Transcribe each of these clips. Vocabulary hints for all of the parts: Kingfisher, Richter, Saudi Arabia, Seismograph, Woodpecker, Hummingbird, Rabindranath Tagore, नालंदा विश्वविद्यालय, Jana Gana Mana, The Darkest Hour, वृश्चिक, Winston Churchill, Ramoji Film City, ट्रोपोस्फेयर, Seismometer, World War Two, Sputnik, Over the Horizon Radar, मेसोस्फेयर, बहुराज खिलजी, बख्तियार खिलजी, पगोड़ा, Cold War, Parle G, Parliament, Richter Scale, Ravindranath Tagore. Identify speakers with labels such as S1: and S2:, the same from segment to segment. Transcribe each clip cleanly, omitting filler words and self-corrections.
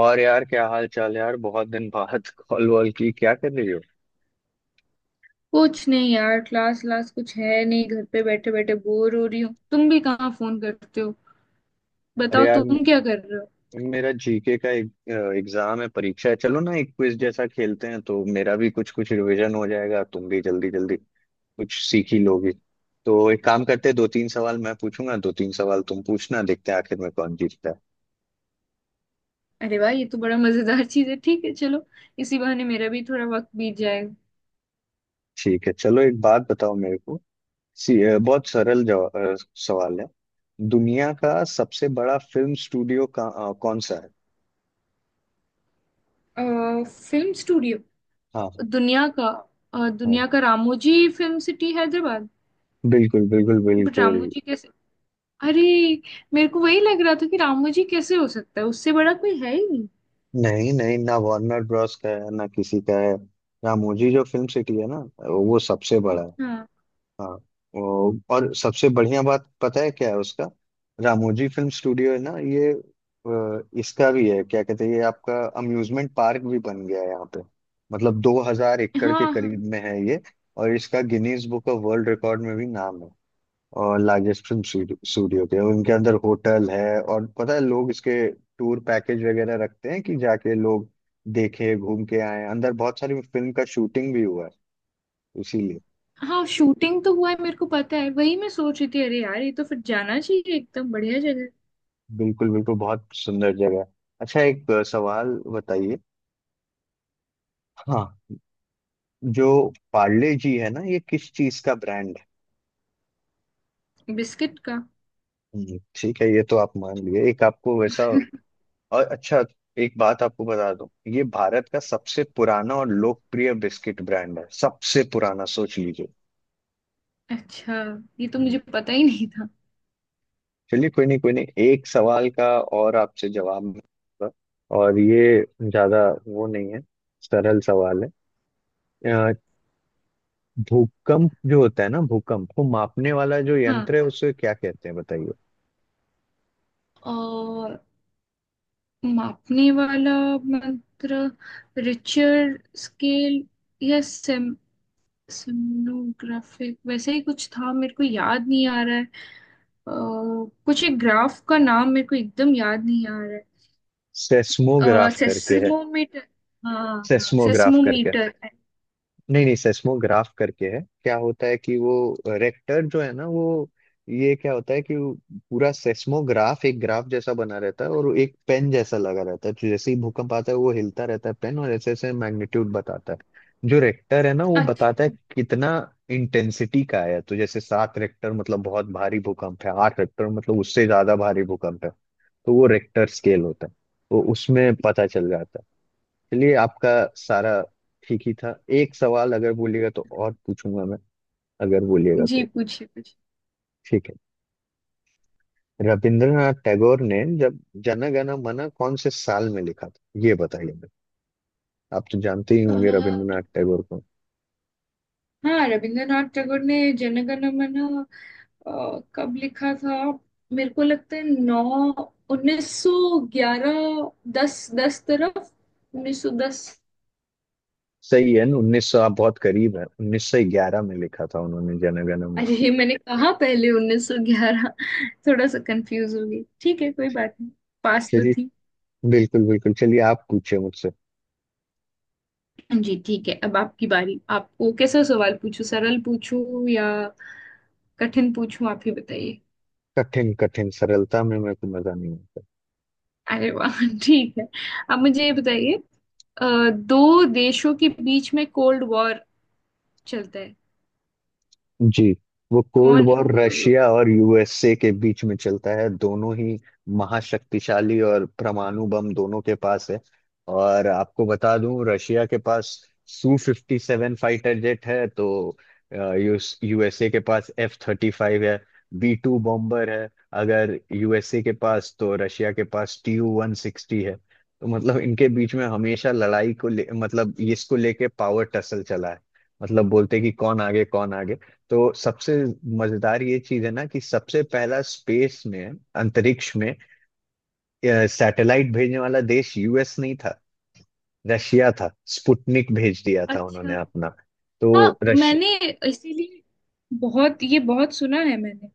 S1: और यार क्या हाल चाल है यार बहुत दिन बाद कॉल वॉल की क्या कर रही हो।
S2: कुछ नहीं यार। क्लास क्लास कुछ है नहीं, घर पे बैठे बैठे बोर हो रही हूँ। तुम भी कहाँ फोन करते हो?
S1: अरे
S2: बताओ
S1: यार
S2: तुम क्या कर रहे हो?
S1: मेरा जीके का एक एग्जाम है, परीक्षा है। चलो ना एक क्विज जैसा खेलते हैं तो मेरा भी कुछ कुछ रिवीजन हो जाएगा, तुम भी जल्दी जल्दी कुछ सीख ही लोगी। तो एक काम करते हैं, दो तीन सवाल मैं पूछूंगा, दो तीन सवाल तुम पूछना। देखते हैं आखिर में कौन जीतता है।
S2: अरे वाह, ये तो बड़ा मजेदार चीज है। ठीक है, चलो। इसी बहाने मेरा भी थोड़ा वक्त बीत जाएगा।
S1: ठीक है चलो, एक बात बताओ मेरे को। सी, बहुत सरल सवाल है। दुनिया का सबसे बड़ा फिल्म स्टूडियो का कौन सा है?
S2: Film studio.
S1: हाँ।
S2: दुनिया का।
S1: हाँ,
S2: दुनिया का रामोजी फिल्म सिटी हैदराबाद।
S1: बिल्कुल बिल्कुल
S2: बट
S1: बिल्कुल।
S2: रामोजी कैसे? अरे, मेरे को वही लग रहा था कि रामोजी कैसे हो सकता है, उससे बड़ा कोई है ही नहीं।
S1: नहीं नहीं ना, वार्नर ब्रॉस का है ना किसी का है। रामोजी जो फिल्म सिटी है ना, वो सबसे बड़ा है।
S2: हाँ,
S1: हाँ। और सबसे बढ़िया बात पता है क्या है उसका? रामोजी फिल्म स्टूडियो है ना ये। इसका भी है, क्या कहते हैं ये आपका अम्यूजमेंट पार्क भी बन गया है यहाँ पे। मतलब 2000 एकड़ के
S2: हाँ,
S1: करीब में है ये। और इसका Guinness book of world record में भी नाम है, और लार्जेस्ट फिल्म स्टूडियो के उनके अंदर होटल है। और पता है लोग इसके टूर पैकेज वगैरह रखते हैं कि जाके लोग देखे, घूम के आए। अंदर बहुत सारी फिल्म का शूटिंग भी हुआ है इसीलिए।
S2: हाँ शूटिंग तो हुआ है, मेरे को पता है। वही मैं सोच रही थी, अरे यार, ये तो फिर जाना चाहिए, एकदम बढ़िया जगह।
S1: बिल्कुल बिल्कुल, बहुत सुंदर जगह है। अच्छा, एक सवाल बताइए। हाँ। जो पार्ले जी है ना, ये किस चीज का ब्रांड है?
S2: बिस्किट का।
S1: ठीक है, ये तो आप मान लिए एक आपको वैसा। और अच्छा, एक बात आपको बता दूं, ये भारत का सबसे पुराना और लोकप्रिय बिस्किट ब्रांड है। सबसे पुराना, सोच लीजिए।
S2: अच्छा, ये तो
S1: हम्म,
S2: मुझे पता ही नहीं था।
S1: चलिए कोई नहीं कोई नहीं, एक सवाल का और आपसे जवाब मिलेगा। और ये ज्यादा वो नहीं है, सरल सवाल है। अ, भूकंप जो होता है ना, भूकंप को मापने वाला जो
S2: हाँ।
S1: यंत्र है उसे क्या कहते हैं बताइए।
S2: और मापने वाला मंत्र? रिचर स्केल या सेमनोग्राफिक वैसे ही कुछ था, मेरे को याद नहीं आ रहा है। अ, कुछ एक ग्राफ का नाम मेरे को एकदम याद नहीं आ रहा है।
S1: सेस्मोग्राफ करके है।
S2: सेस्मोमीटर। हाँ, हाँ,
S1: सेस्मोग्राफ करके।
S2: सेस्मोमीटर।
S1: नहीं नहीं, सेस्मोग्राफ करके है। क्या होता है कि वो रेक्टर जो है ना वो, ये क्या होता है कि वो पूरा सेस्मोग्राफ एक ग्राफ जैसा बना रहता है, और वो एक पेन जैसा लगा रहता है। तो जैसे ही भूकंप आता है वो हिलता रहता है पेन, और ऐसे ऐसे मैग्नीट्यूड बताता है। जो रेक्टर है ना वो बताता है
S2: अच्छा।
S1: कितना इंटेंसिटी का है। तो जैसे 7 रेक्टर मतलब बहुत भारी भूकंप है, 8 रेक्टर मतलब उससे ज्यादा भारी भूकंप है। तो वो रेक्टर स्केल होता है, तो उसमें पता चल जाता है। चलिए, आपका सारा ठीक ही था। एक सवाल अगर बोलिएगा तो और पूछूंगा मैं, अगर बोलिएगा
S2: जी
S1: तो।
S2: पूछिए पूछिए।
S1: ठीक है। रविंद्रनाथ टैगोर ने जब जन गण मन कौन से साल में लिखा था ये बताइए मुझे। आप तो जानते ही
S2: अ,
S1: होंगे रविंद्रनाथ टैगोर को।
S2: हाँ, रविंद्रनाथ टैगोर ने जनगणमन कब लिखा था? मेरे को लगता है नौ 1911। दस दस तरफ, 1910।
S1: सही है ना, उन्नीस सौ, आप बहुत करीब है। 1911 में लिखा था उन्होंने जन गण मन।
S2: अरे, ये मैंने कहा पहले 1911। थोड़ा सा कंफ्यूज हो गई, ठीक है कोई बात नहीं। पास तो
S1: चलिए
S2: थी।
S1: बिल्कुल बिल्कुल, चलिए आप पूछे मुझसे।
S2: जी ठीक है, अब आपकी बारी। आपको कैसा सवाल पूछूं, सरल पूछूं या कठिन पूछूं? आप ही बताइए।
S1: कठिन कठिन, सरलता में मेरे को मजा नहीं आता।
S2: अरे वाह ठीक है। अब मुझे ये बताइए, दो देशों के बीच में कोल्ड वॉर चलता है,
S1: जी। वो कोल्ड
S2: कौन है
S1: वॉर
S2: वो दो
S1: रशिया
S2: दोस्त?
S1: और यूएसए के बीच में चलता है, दोनों ही महाशक्तिशाली और परमाणु बम दोनों के पास है। और आपको बता दूं, रशिया के पास Su-57 फाइटर जेट है तो यूएसए के पास F-35 है, B-2 बॉम्बर है। अगर यूएसए के पास, तो रशिया के पास Tu-160 है। तो मतलब इनके बीच में हमेशा लड़ाई को ले, मतलब इसको लेके पावर टसल चला है। मतलब बोलते कि कौन आगे कौन आगे। तो सबसे मजेदार ये चीज है ना, कि सबसे पहला स्पेस में, अंतरिक्ष में सैटेलाइट भेजने वाला देश यूएस नहीं था, रशिया था। स्पुटनिक भेज दिया था उन्होंने
S2: अच्छा।
S1: अपना। तो
S2: हाँ,
S1: रश
S2: मैंने इसीलिए बहुत, ये बहुत सुना है मैंने।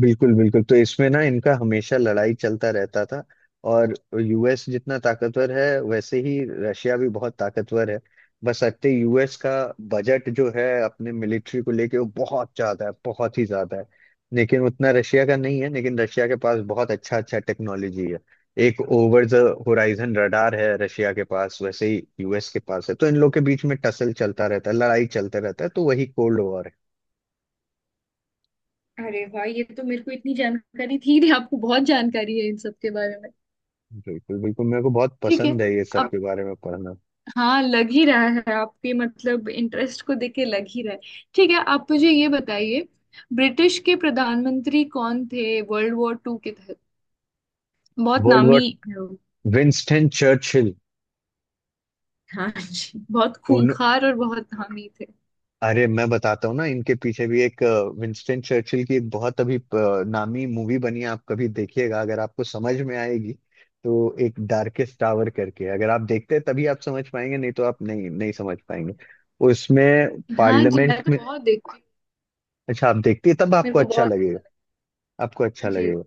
S1: बिल्कुल बिल्कुल, तो इसमें ना इनका हमेशा लड़ाई चलता रहता था। और यूएस जितना ताकतवर है वैसे ही रशिया भी बहुत ताकतवर है। बस अत्ते यूएस का बजट जो है अपने मिलिट्री को लेके वो बहुत ज्यादा है, बहुत ही ज्यादा है। लेकिन उतना रशिया का नहीं है, लेकिन रशिया के पास बहुत अच्छा अच्छा टेक्नोलॉजी है। एक ओवर द होराइजन रडार है रशिया के पास, वैसे ही यूएस के पास है। तो इन लोग के बीच में टसल चलता रहता है, लड़ाई चलता रहता है, तो वही कोल्ड वॉर।
S2: अरे वाह, ये तो मेरे को इतनी जानकारी थी नहीं, आपको बहुत जानकारी है इन सब के बारे में।
S1: बिल्कुल बिल्कुल, मेरे को बहुत
S2: ठीक है।
S1: पसंद है ये सब
S2: अब
S1: के बारे में पढ़ना।
S2: हाँ, लग ही रहा है, आपके मतलब इंटरेस्ट को देख के लग ही रहा है। ठीक है, आप मुझे ये बताइए, ब्रिटिश के प्रधानमंत्री कौन थे वर्ल्ड वॉर टू के तहत? बहुत
S1: वर्ल्ड
S2: नामी।
S1: War, Winston Churchill.
S2: हाँ जी, बहुत
S1: उन
S2: खूंखार और बहुत हामी थे।
S1: अरे मैं बताता हूँ ना, इनके पीछे भी एक विंस्टन चर्चिल की एक बहुत अभी नामी मूवी बनी है। आप कभी देखिएगा, अगर आपको समझ में आएगी तो। एक डार्केस्ट टावर करके, अगर आप देखते हैं तभी आप समझ पाएंगे, नहीं तो आप नहीं नहीं समझ पाएंगे। उसमें
S2: हाँ जी, मैं
S1: पार्लियामेंट
S2: तो
S1: में।
S2: बहुत देखती हूँ।
S1: अच्छा आप देखते हैं तब
S2: मेरे
S1: आपको
S2: को
S1: अच्छा
S2: बहुत
S1: लगेगा।
S2: अच्छा।
S1: आपको अच्छा
S2: जी।
S1: लगेगा।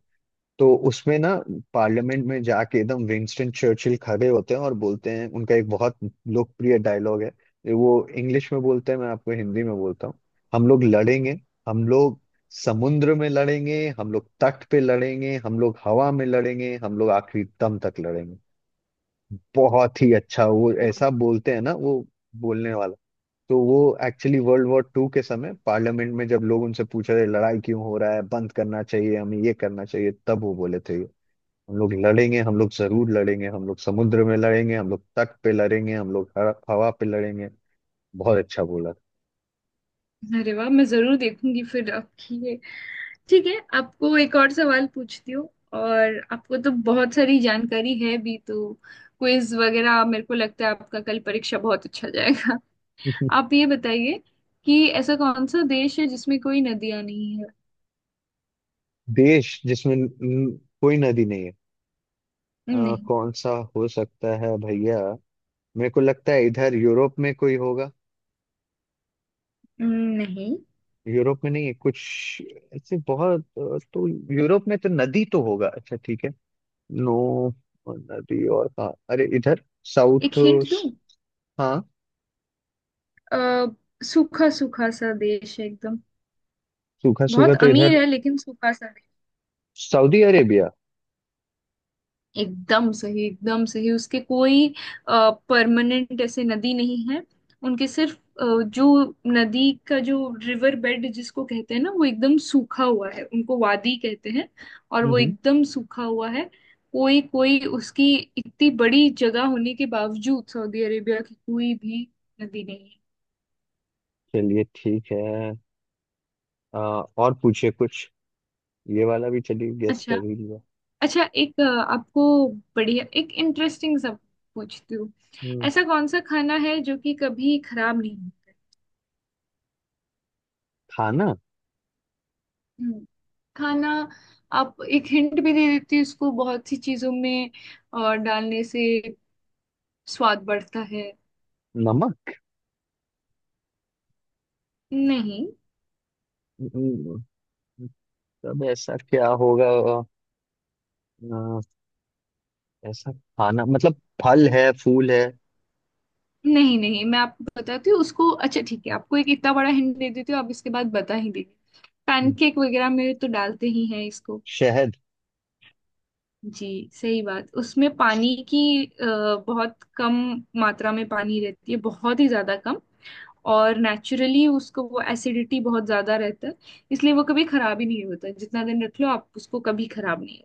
S1: तो उसमें ना पार्लियामेंट में जाके एकदम विंस्टन चर्चिल खड़े होते हैं और बोलते हैं। उनका एक बहुत लोकप्रिय डायलॉग है। वो इंग्लिश में बोलते हैं, मैं आपको हिंदी में बोलता हूँ। हम लोग लड़ेंगे, हम लोग समुद्र में लड़ेंगे, हम लोग तट पे लड़ेंगे, हम लोग हवा में लड़ेंगे, हम लोग आखिरी दम तक लड़ेंगे। बहुत ही अच्छा वो ऐसा बोलते हैं ना, वो बोलने वाला। तो वो एक्चुअली World War II के समय पार्लियामेंट में जब लोग उनसे पूछ रहे लड़ाई क्यों हो रहा है, बंद करना चाहिए, हमें ये करना चाहिए, तब वो बोले थे, हम लोग लड़ेंगे, हम लोग जरूर लड़ेंगे, हम लोग समुद्र में लड़ेंगे, हम लोग तट पे लड़ेंगे, हम लोग हवा हवा पे लड़ेंगे। बहुत अच्छा बोला।
S2: अरे वाह, मैं जरूर देखूंगी फिर आपकी ये। ठीक है, आपको एक और सवाल पूछती हूँ। और आपको तो बहुत सारी जानकारी है भी तो। क्विज वगैरह, मेरे को लगता है आपका कल परीक्षा बहुत अच्छा जाएगा। आप ये बताइए कि ऐसा कौन सा देश है जिसमें कोई नदियां नहीं है?
S1: देश जिसमें कोई नदी नहीं है?
S2: नहीं,
S1: कौन सा हो सकता है भैया? मेरे को लगता है इधर यूरोप में कोई होगा।
S2: नहीं।
S1: यूरोप में नहीं है कुछ ऐसे, बहुत तो यूरोप में तो नदी तो होगा। अच्छा ठीक है। नो नदी, और कहाँ? अरे इधर
S2: एक
S1: साउथ।
S2: हिंट दूँ?
S1: हाँ।
S2: अ, सूखा सूखा सा देश है एकदम।
S1: सूखा सूखा
S2: बहुत
S1: तो इधर।
S2: अमीर है, लेकिन सूखा सा नहीं।
S1: Saudi Arabia.
S2: एकदम सही, एकदम सही। उसके कोई परमानेंट ऐसे नदी नहीं है। उनके सिर्फ जो नदी का, जो रिवर बेड जिसको कहते हैं ना, वो एकदम सूखा हुआ है। उनको वादी कहते हैं, और वो एकदम सूखा हुआ है। कोई कोई उसकी, इतनी बड़ी जगह होने के बावजूद सऊदी अरेबिया की कोई भी नदी नहीं है।
S1: चलिए ठीक है। अ, और पूछिए कुछ, ये वाला भी चलिए गेस
S2: अच्छा।
S1: कर ही लिया।
S2: अच्छा, एक आपको बढ़िया एक इंटरेस्टिंग सा पूछती हूँ।
S1: हम्म।
S2: ऐसा कौन सा खाना है जो कि कभी खराब नहीं होता?
S1: खाना?
S2: हम्म, खाना। आप एक हिंट भी दे देती है, इसको बहुत सी चीजों में और डालने से स्वाद बढ़ता है।
S1: नमक।
S2: नहीं।
S1: हम्म, तब ऐसा क्या होगा? अ, ऐसा खाना मतलब, फल है, फूल है?
S2: नहीं, नहीं, मैं आपको बताती हूँ उसको। अच्छा ठीक है, आपको एक इतना बड़ा हिंट दे देती हूँ, आप इसके बाद बता ही देंगे।
S1: हम्म,
S2: पैनकेक वगैरह में तो डालते ही हैं इसको।
S1: शहद।
S2: जी। सही बात। उसमें पानी की बहुत कम मात्रा में पानी रहती है, बहुत ही ज्यादा कम। और नेचुरली उसको वो एसिडिटी बहुत ज्यादा रहता है। इसलिए वो कभी खराब ही नहीं होता, जितना दिन रख लो, आप उसको कभी खराब नहीं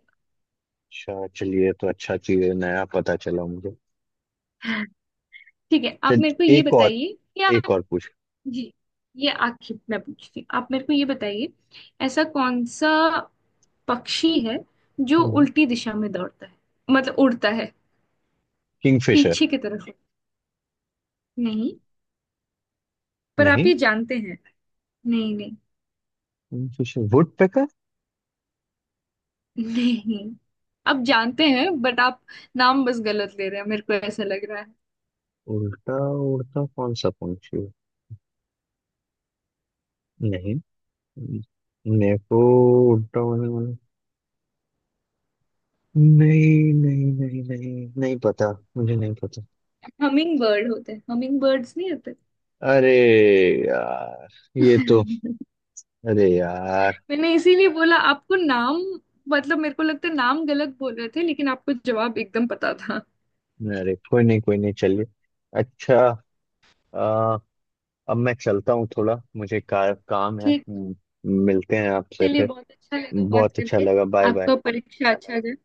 S1: अच्छा चलिए, ये तो अच्छा चीज है, नया पता चला मुझे।
S2: होगा। ठीक है, आप
S1: चल
S2: मेरे को ये
S1: एक और,
S2: बताइए कि
S1: एक
S2: आप।
S1: और पूछ।
S2: जी, ये आखिर मैं पूछती हूँ, आप मेरे को ये बताइए, ऐसा कौन सा पक्षी है जो उल्टी दिशा में दौड़ता है, मतलब उड़ता है,
S1: किंगफिशर।
S2: पीछे की तरफ? नहीं। पर आप
S1: नहीं,
S2: ये जानते हैं। नहीं, नहीं,
S1: किंगफिशर, वुड पेकर।
S2: नहीं। आप जानते हैं, बट आप नाम बस गलत ले रहे हैं, मेरे को ऐसा लग रहा है।
S1: उल्टा उड़ता कौन सा पंछी है? नहीं। नेको उड़ता। नहीं नहीं नहीं नहीं नहीं पता। मुझे नहीं पता।
S2: हमिंग बर्ड होते हैं, हमिंग बर्ड्स नहीं होते?
S1: अरे यार, ये तो अरे यार।
S2: मैंने इसीलिए बोला आपको, नाम मतलब मेरे को लगता है नाम गलत बोल रहे थे, लेकिन आपको जवाब एकदम पता था।
S1: अरे कोई नहीं कोई नहीं, चलिए। अच्छा, आ, अब मैं चलता हूँ, थोड़ा मुझे काम है।
S2: ठीक।
S1: मिलते हैं आपसे
S2: चलिए,
S1: फिर।
S2: बहुत अच्छा लगा बात
S1: बहुत अच्छा
S2: करके।
S1: लगा, बाय बाय।
S2: आपका परीक्षा अच्छा जाए।